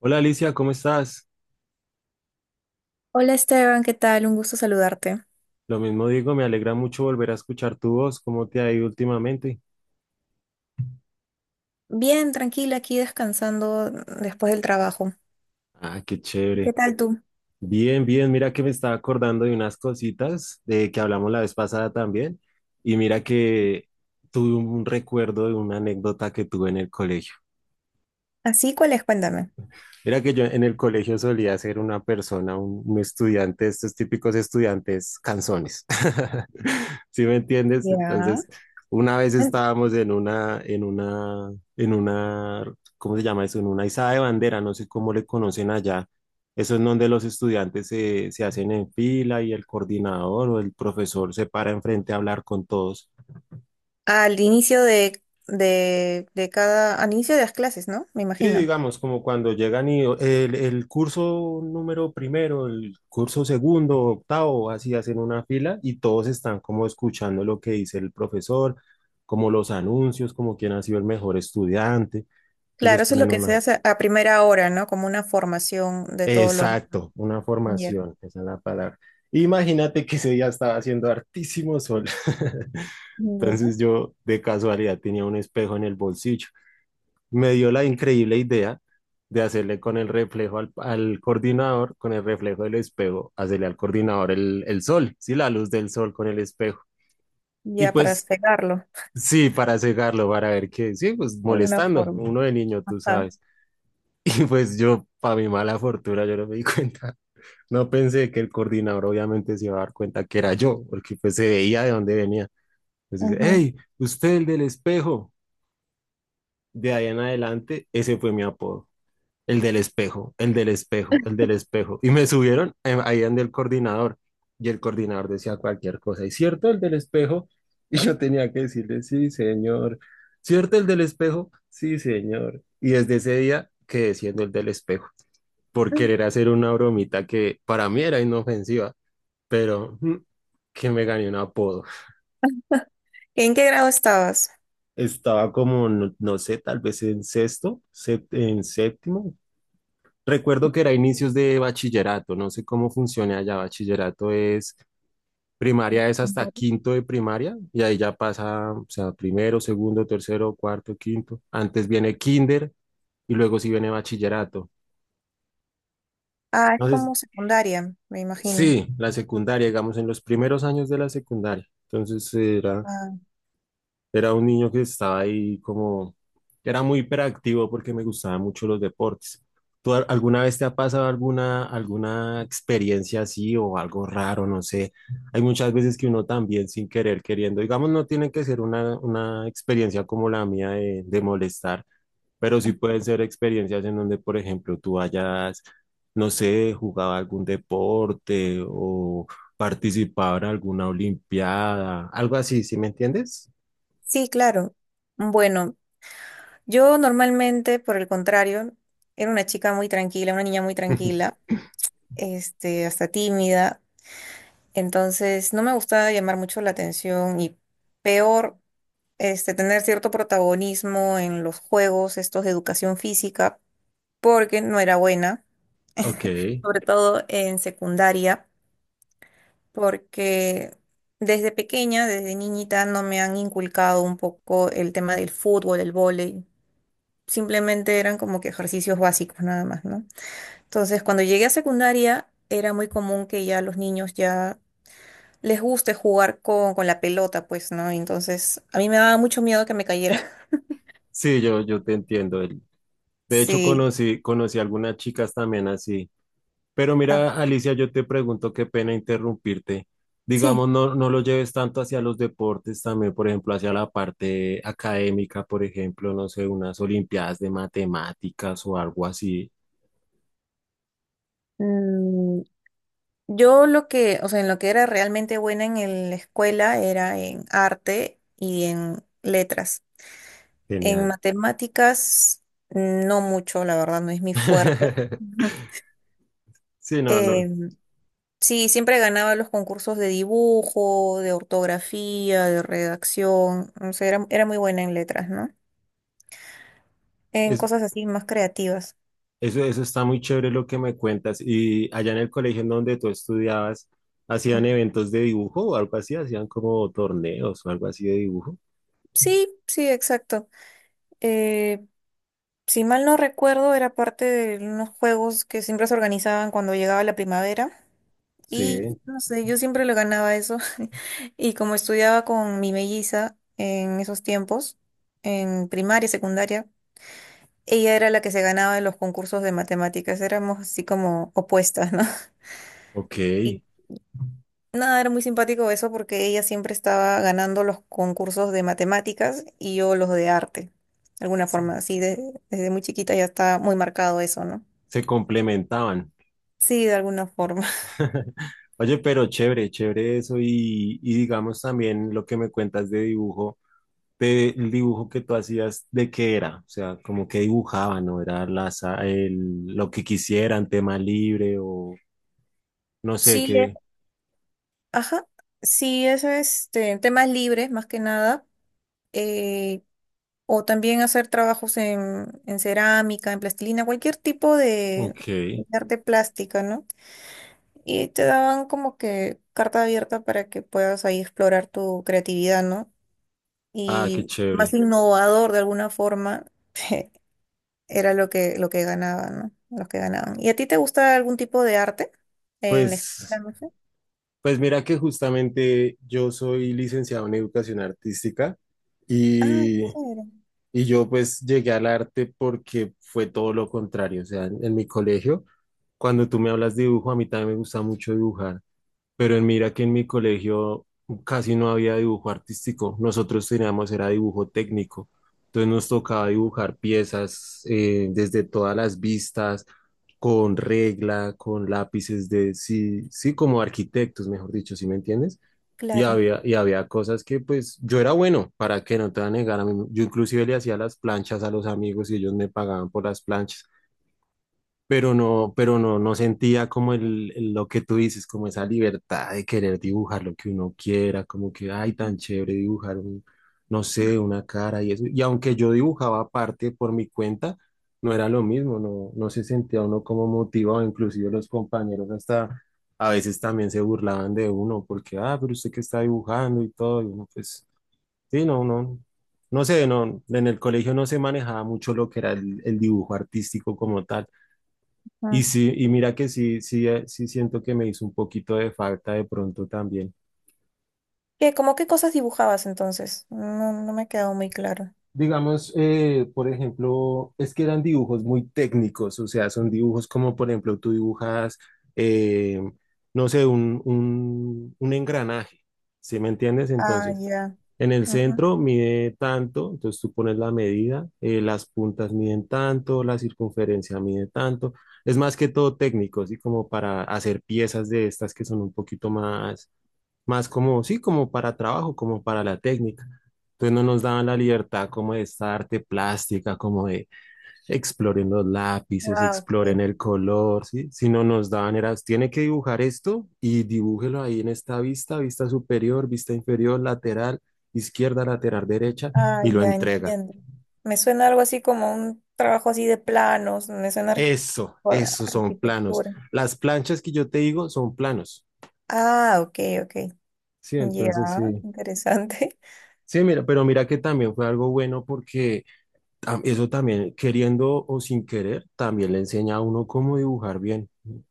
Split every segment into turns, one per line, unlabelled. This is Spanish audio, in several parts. Hola Alicia, ¿cómo estás?
Hola Esteban, ¿qué tal? Un gusto saludarte.
Lo mismo digo, me alegra mucho volver a escuchar tu voz. ¿Cómo te ha ido últimamente?
Bien, tranquila, aquí descansando después del trabajo.
Ah, qué
¿Qué
chévere.
tal tú?
Bien, bien, mira que me estaba acordando de unas cositas de que hablamos la vez pasada también. Y mira que tuve un recuerdo de una anécdota que tuve en el colegio.
¿Así cuál es? Cuéntame.
Mira que yo en el colegio solía ser una persona, un estudiante, de estos típicos estudiantes canzones. ¿Sí me entiendes?
Ya.
Entonces, una vez
Cuen-
estábamos en una, ¿cómo se llama eso? En una izada de bandera, no sé cómo le conocen allá. Eso es donde los estudiantes se hacen en fila y el coordinador o el profesor se para enfrente a hablar con todos.
Al inicio de, de cada, al inicio de las clases, ¿no? Me
Sí,
imagino.
digamos, como cuando llegan y el curso número primero, el curso segundo, octavo, así hacen una fila y todos están como escuchando lo que dice el profesor, como los anuncios, como quién ha sido el mejor estudiante, que
Claro,
les
eso es lo
ponen
que se
una...
hace a primera hora, ¿no? Como una formación de todos los...
Exacto, una
Ya,
formación, esa es la palabra. Imagínate que ese día estaba haciendo hartísimo sol.
ya.
Entonces yo de casualidad tenía un espejo en el bolsillo. Me dio la increíble idea de hacerle con el reflejo al coordinador, con el reflejo del espejo, hacerle al coordinador el sol, sí, la luz del sol con el espejo. Y
Ya para
pues
cegarlo,
sí, para cegarlo, para ver qué, sí, pues
de alguna
molestando,
forma.
uno de niño, tú
Ajá.
sabes. Y pues yo, para mi mala fortuna, yo no me di cuenta. No pensé que el coordinador obviamente se iba a dar cuenta que era yo, porque pues se veía de dónde venía. Entonces dice,
Ujú.
hey, usted el del espejo. De ahí en adelante, ese fue mi apodo. El del espejo, el del espejo, el del espejo. Y me subieron ahí donde el coordinador. Y el coordinador decía cualquier cosa. ¿Y cierto el del espejo? Y yo tenía que decirle, sí, señor. ¿Cierto el del espejo? Sí, señor. Y desde ese día quedé siendo el del espejo por querer hacer una bromita que para mí era inofensiva, pero que me gané un apodo.
¿En qué grado estabas?
Estaba como, no, no sé, tal vez en sexto, en séptimo. Recuerdo que era inicios de bachillerato, no sé cómo funciona allá. Bachillerato es primaria, es hasta
Vale.
quinto de primaria y ahí ya pasa, o sea, primero, segundo, tercero, cuarto, quinto. Antes viene kinder y luego sí viene bachillerato.
Ah, es
Entonces,
como secundaria, me imagino.
sí, la secundaria, digamos, en los primeros años de la secundaria. Era un niño que estaba ahí como, era muy hiperactivo porque me gustaban mucho los deportes. ¿Tú alguna vez te ha pasado alguna experiencia así o algo raro? No sé. Hay muchas veces que uno también sin querer, queriendo, digamos, no tiene que ser una experiencia como la mía de molestar, pero sí pueden ser experiencias en donde, por ejemplo, tú hayas, no sé, jugado algún deporte o participado en alguna olimpiada, algo así, ¿sí me entiendes?
Sí, claro. Bueno, yo normalmente, por el contrario, era una chica muy tranquila, una niña muy tranquila, hasta tímida. Entonces, no me gustaba llamar mucho la atención y peor, tener cierto protagonismo en los juegos, estos de educación física, porque no era buena,
Ok,
sobre todo en secundaria, porque desde pequeña, desde niñita, no me han inculcado un poco el tema del fútbol, el vóley. Simplemente eran como que ejercicios básicos nada más, ¿no? Entonces, cuando llegué a secundaria, era muy común que ya los niños ya les guste jugar con la pelota, pues, ¿no? Entonces, a mí me daba mucho miedo que me cayera.
sí, yo te entiendo. De hecho,
Sí,
conocí algunas chicas también así. Pero
ah,
mira, Alicia, yo te pregunto, qué pena interrumpirte.
sí.
Digamos, no, no lo lleves tanto hacia los deportes también, por ejemplo, hacia la parte académica, por ejemplo, no sé, unas olimpiadas de matemáticas o algo así.
Mm, yo lo que, o sea, en lo que era realmente buena en la escuela era en arte y en letras. En
Genial.
matemáticas, no mucho, la verdad, no es mi fuerte.
Sí, no, no.
Em, Sí, siempre ganaba los concursos de dibujo, de ortografía, de redacción. O sea, era muy buena en letras, ¿no? En
Es.
cosas así más creativas.
Eso está muy chévere lo que me cuentas. Y allá en el colegio en donde tú estudiabas, ¿hacían
Ujú.
eventos de dibujo o algo así? ¿Hacían como torneos o algo así de dibujo?
Sí, sí, exacto. Eh, si mal no recuerdo, era parte de unos juegos que siempre se organizaban cuando llegaba la primavera.
Sí,
Y no sé, yo siempre lo ganaba eso. Y como estudiaba con mi melliza en esos tiempos, en primaria, secundaria, ella era la que se ganaba en los concursos de matemáticas, éramos así como opuestas, ¿no?
ok.
Y nada, era muy simpático eso porque ella siempre estaba ganando los concursos de matemáticas y yo los de arte, de alguna
Sí.
forma, desde muy chiquita ya está muy marcado eso, ¿no?
Se complementaban.
Sí, de alguna forma.
Oye, pero chévere, chévere eso. Y digamos también lo que me cuentas de dibujo, de, el dibujo que tú hacías, ¿de qué era? O sea, como que dibujaban, ¿no? Era las, el, lo que quisieran, tema libre o no sé
Sí,
qué.
ajá, sí, eso es temas libres más que nada, eh, o también hacer trabajos en cerámica, en plastilina, cualquier tipo
Ok.
de arte plástica, ¿no? Y te daban como que carta abierta para que puedas ahí explorar tu creatividad, ¿no?
Ah, qué
Y más
chévere.
innovador de alguna forma era lo que ganaban, ¿no? Los que ganaban. ¿Y a ti te gusta algún tipo de arte en la escuela,
Pues,
no sé?
pues mira que justamente yo soy licenciado en educación artística
Ah,
y,
qué chévere.
y yo pues llegué al arte porque fue todo lo contrario. O sea, en mi colegio, cuando tú me hablas de dibujo, a mí también me gusta mucho dibujar. Pero mira que en mi colegio casi no había dibujo artístico, nosotros teníamos era dibujo técnico, entonces nos tocaba dibujar piezas desde todas las vistas, con regla, con lápices de, sí, sí, como arquitectos, mejor dicho, ¿sí me entiendes?
Claro.
Y había cosas que pues yo era bueno, para que no te voy a negar, a mí, yo inclusive le hacía las planchas a los amigos y ellos me pagaban por las planchas, pero no, no sentía como el, lo que tú dices, como esa libertad de querer dibujar lo que uno quiera, como que, ay, tan chévere dibujar un, no sé, una cara y eso. Y aunque yo dibujaba aparte por mi cuenta, no era lo mismo, no, no se sentía uno como motivado, inclusive los compañeros hasta a veces también se burlaban de uno, porque, ah, pero usted que está dibujando y todo, y uno, pues, sí, no, no. No sé, no, en el colegio no se manejaba mucho lo que era el dibujo artístico como tal. Y
Ah.
sí, y mira que sí, sí, sí siento que me hizo un poquito de falta de pronto también.
¿Qué, como qué cosas dibujabas entonces? No, no me ha quedado muy claro.
Digamos, por ejemplo, es que eran dibujos muy técnicos, o sea, son dibujos como, por ejemplo, tú dibujas, eh, no sé, un engranaje, ¿sí me entiendes?
Ah,
Entonces,
ya.
en el
Ujú.
centro mide tanto, entonces tú pones la medida, las puntas miden tanto, la circunferencia mide tanto, es más que todo técnico, así como para hacer piezas de estas que son un poquito más, más como, sí, como para trabajo, como para la técnica. Entonces no nos daban la libertad como de esta arte plástica, como de exploren los lápices,
Ah,
exploren
ok.
el color, ¿sí? Sino nos daban, era, tiene que dibujar esto y dibújelo ahí en esta vista, vista superior, vista inferior, lateral, izquierda, lateral, derecha,
Ah,
y lo
ya
entrega.
entiendo. Me suena algo así como un trabajo así de planos, me suena
Eso,
por
esos son planos.
arquitectura.
Las planchas que yo te digo son planos.
Ah, ok, ok.
Sí,
Ya,
entonces sí.
interesante.
Sí, mira, pero mira que también fue algo bueno porque eso también, queriendo o sin querer, también le enseña a uno cómo dibujar bien.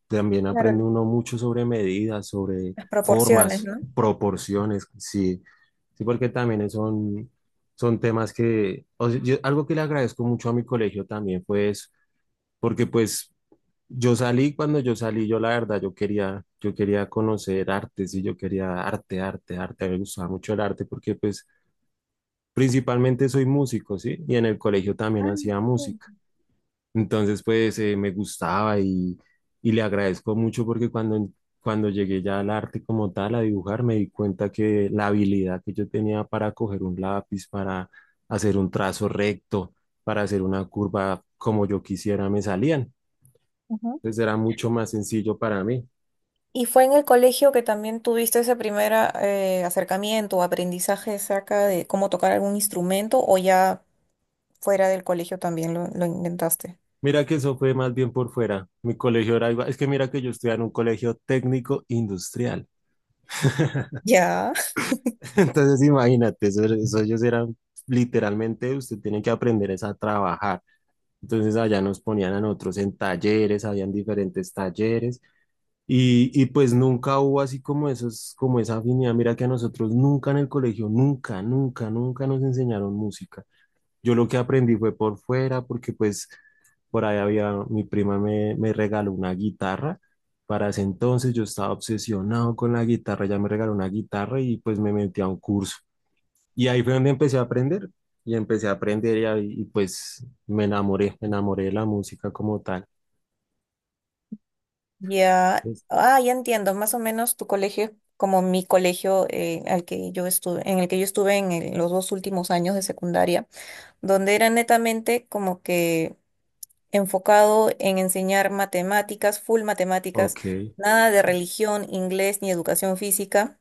También aprende
Claro,
uno mucho sobre medidas, sobre
las proporciones,
formas,
¿no?
proporciones, sí, sí, porque también son, son temas que, o sea, algo que le agradezco mucho a mi colegio también fue eso, porque pues yo salí, cuando yo salí, yo la verdad, yo quería conocer artes y yo quería arte, arte, arte, a mí me gustaba mucho el arte porque pues principalmente soy músico, ¿sí? Y en el colegio también
Ah,
hacía
sí.
música. Entonces, pues me gustaba y le agradezco mucho porque cuando, cuando llegué ya al arte como tal, a dibujar, me di cuenta que la habilidad que yo tenía para coger un lápiz, para hacer un trazo recto, para hacer una curva como yo quisiera, me salían.
Ujú.
Entonces era mucho más sencillo para mí.
¿Y fue en el colegio que también tuviste ese primer acercamiento o aprendizaje acerca de cómo tocar algún instrumento o ya fuera del colegio también lo intentaste?
Mira que eso fue más bien por fuera. Mi colegio era igual. Es que mira que yo estudiaba en un colegio técnico industrial.
Ya.
Entonces imagínate, eso ellos eran literalmente, usted tiene que aprender es a trabajar. Entonces allá nos ponían a nosotros en talleres, habían diferentes talleres y pues nunca hubo así como esos, como esa afinidad. Mira que a nosotros nunca en el colegio, nunca, nunca, nunca nos enseñaron música. Yo lo que aprendí fue por fuera porque pues por ahí había, mi prima me, me regaló una guitarra. Para ese entonces yo estaba obsesionado con la guitarra, ella me regaló una guitarra y pues me metí a un curso. Y ahí fue donde empecé a aprender. Y empecé a aprender y, y pues me enamoré de la música como tal.
Ya,
Es-
ah, ya entiendo, más o menos tu colegio, es como mi colegio al que yo estuve, en el que yo estuve en los dos últimos años de secundaria, donde era netamente como que enfocado en enseñar matemáticas, full matemáticas,
Ok.
nada de religión, inglés ni educación física,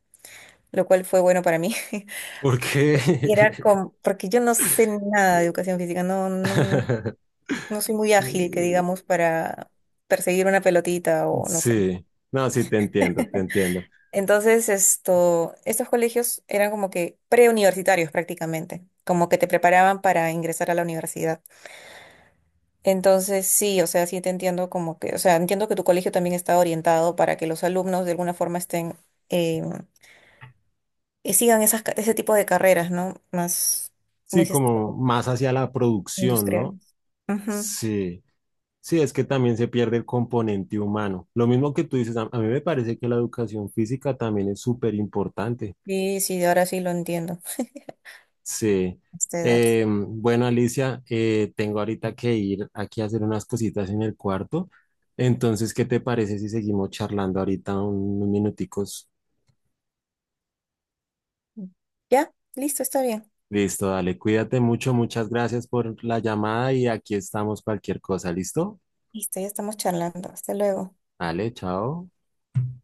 lo cual fue bueno para mí.
¿Por qué?
Y era como, porque yo no sé nada de educación física, no soy muy ágil, que digamos, para perseguir una pelotita o no sé.
Sí, no, sí, te entiendo, te entiendo.
Entonces, estos colegios eran como que preuniversitarios prácticamente, como que te preparaban para ingresar a la universidad. Entonces, sí, o sea, sí te entiendo como que, o sea, entiendo que tu colegio también está orientado para que los alumnos de alguna forma estén, eh, sigan esas, ese tipo de carreras, ¿no? Más, muy
Sí, como más hacia la producción, ¿no?
industriales. Ujú.
Sí, sí, es que también se pierde el componente humano. Lo mismo que tú dices, a mí me parece que la educación física también es súper importante.
Sí, sí, ahora sí lo entiendo,
Sí.
a esta edad.
Bueno, Alicia, tengo ahorita que ir aquí a hacer unas cositas en el cuarto. Entonces, ¿qué te parece si seguimos charlando ahorita unos minuticos?
Ya, listo, está bien.
Listo, dale, cuídate mucho, muchas gracias por la llamada y aquí estamos cualquier cosa, ¿listo?
Listo, ya estamos charlando. Hasta luego.
Dale, chao.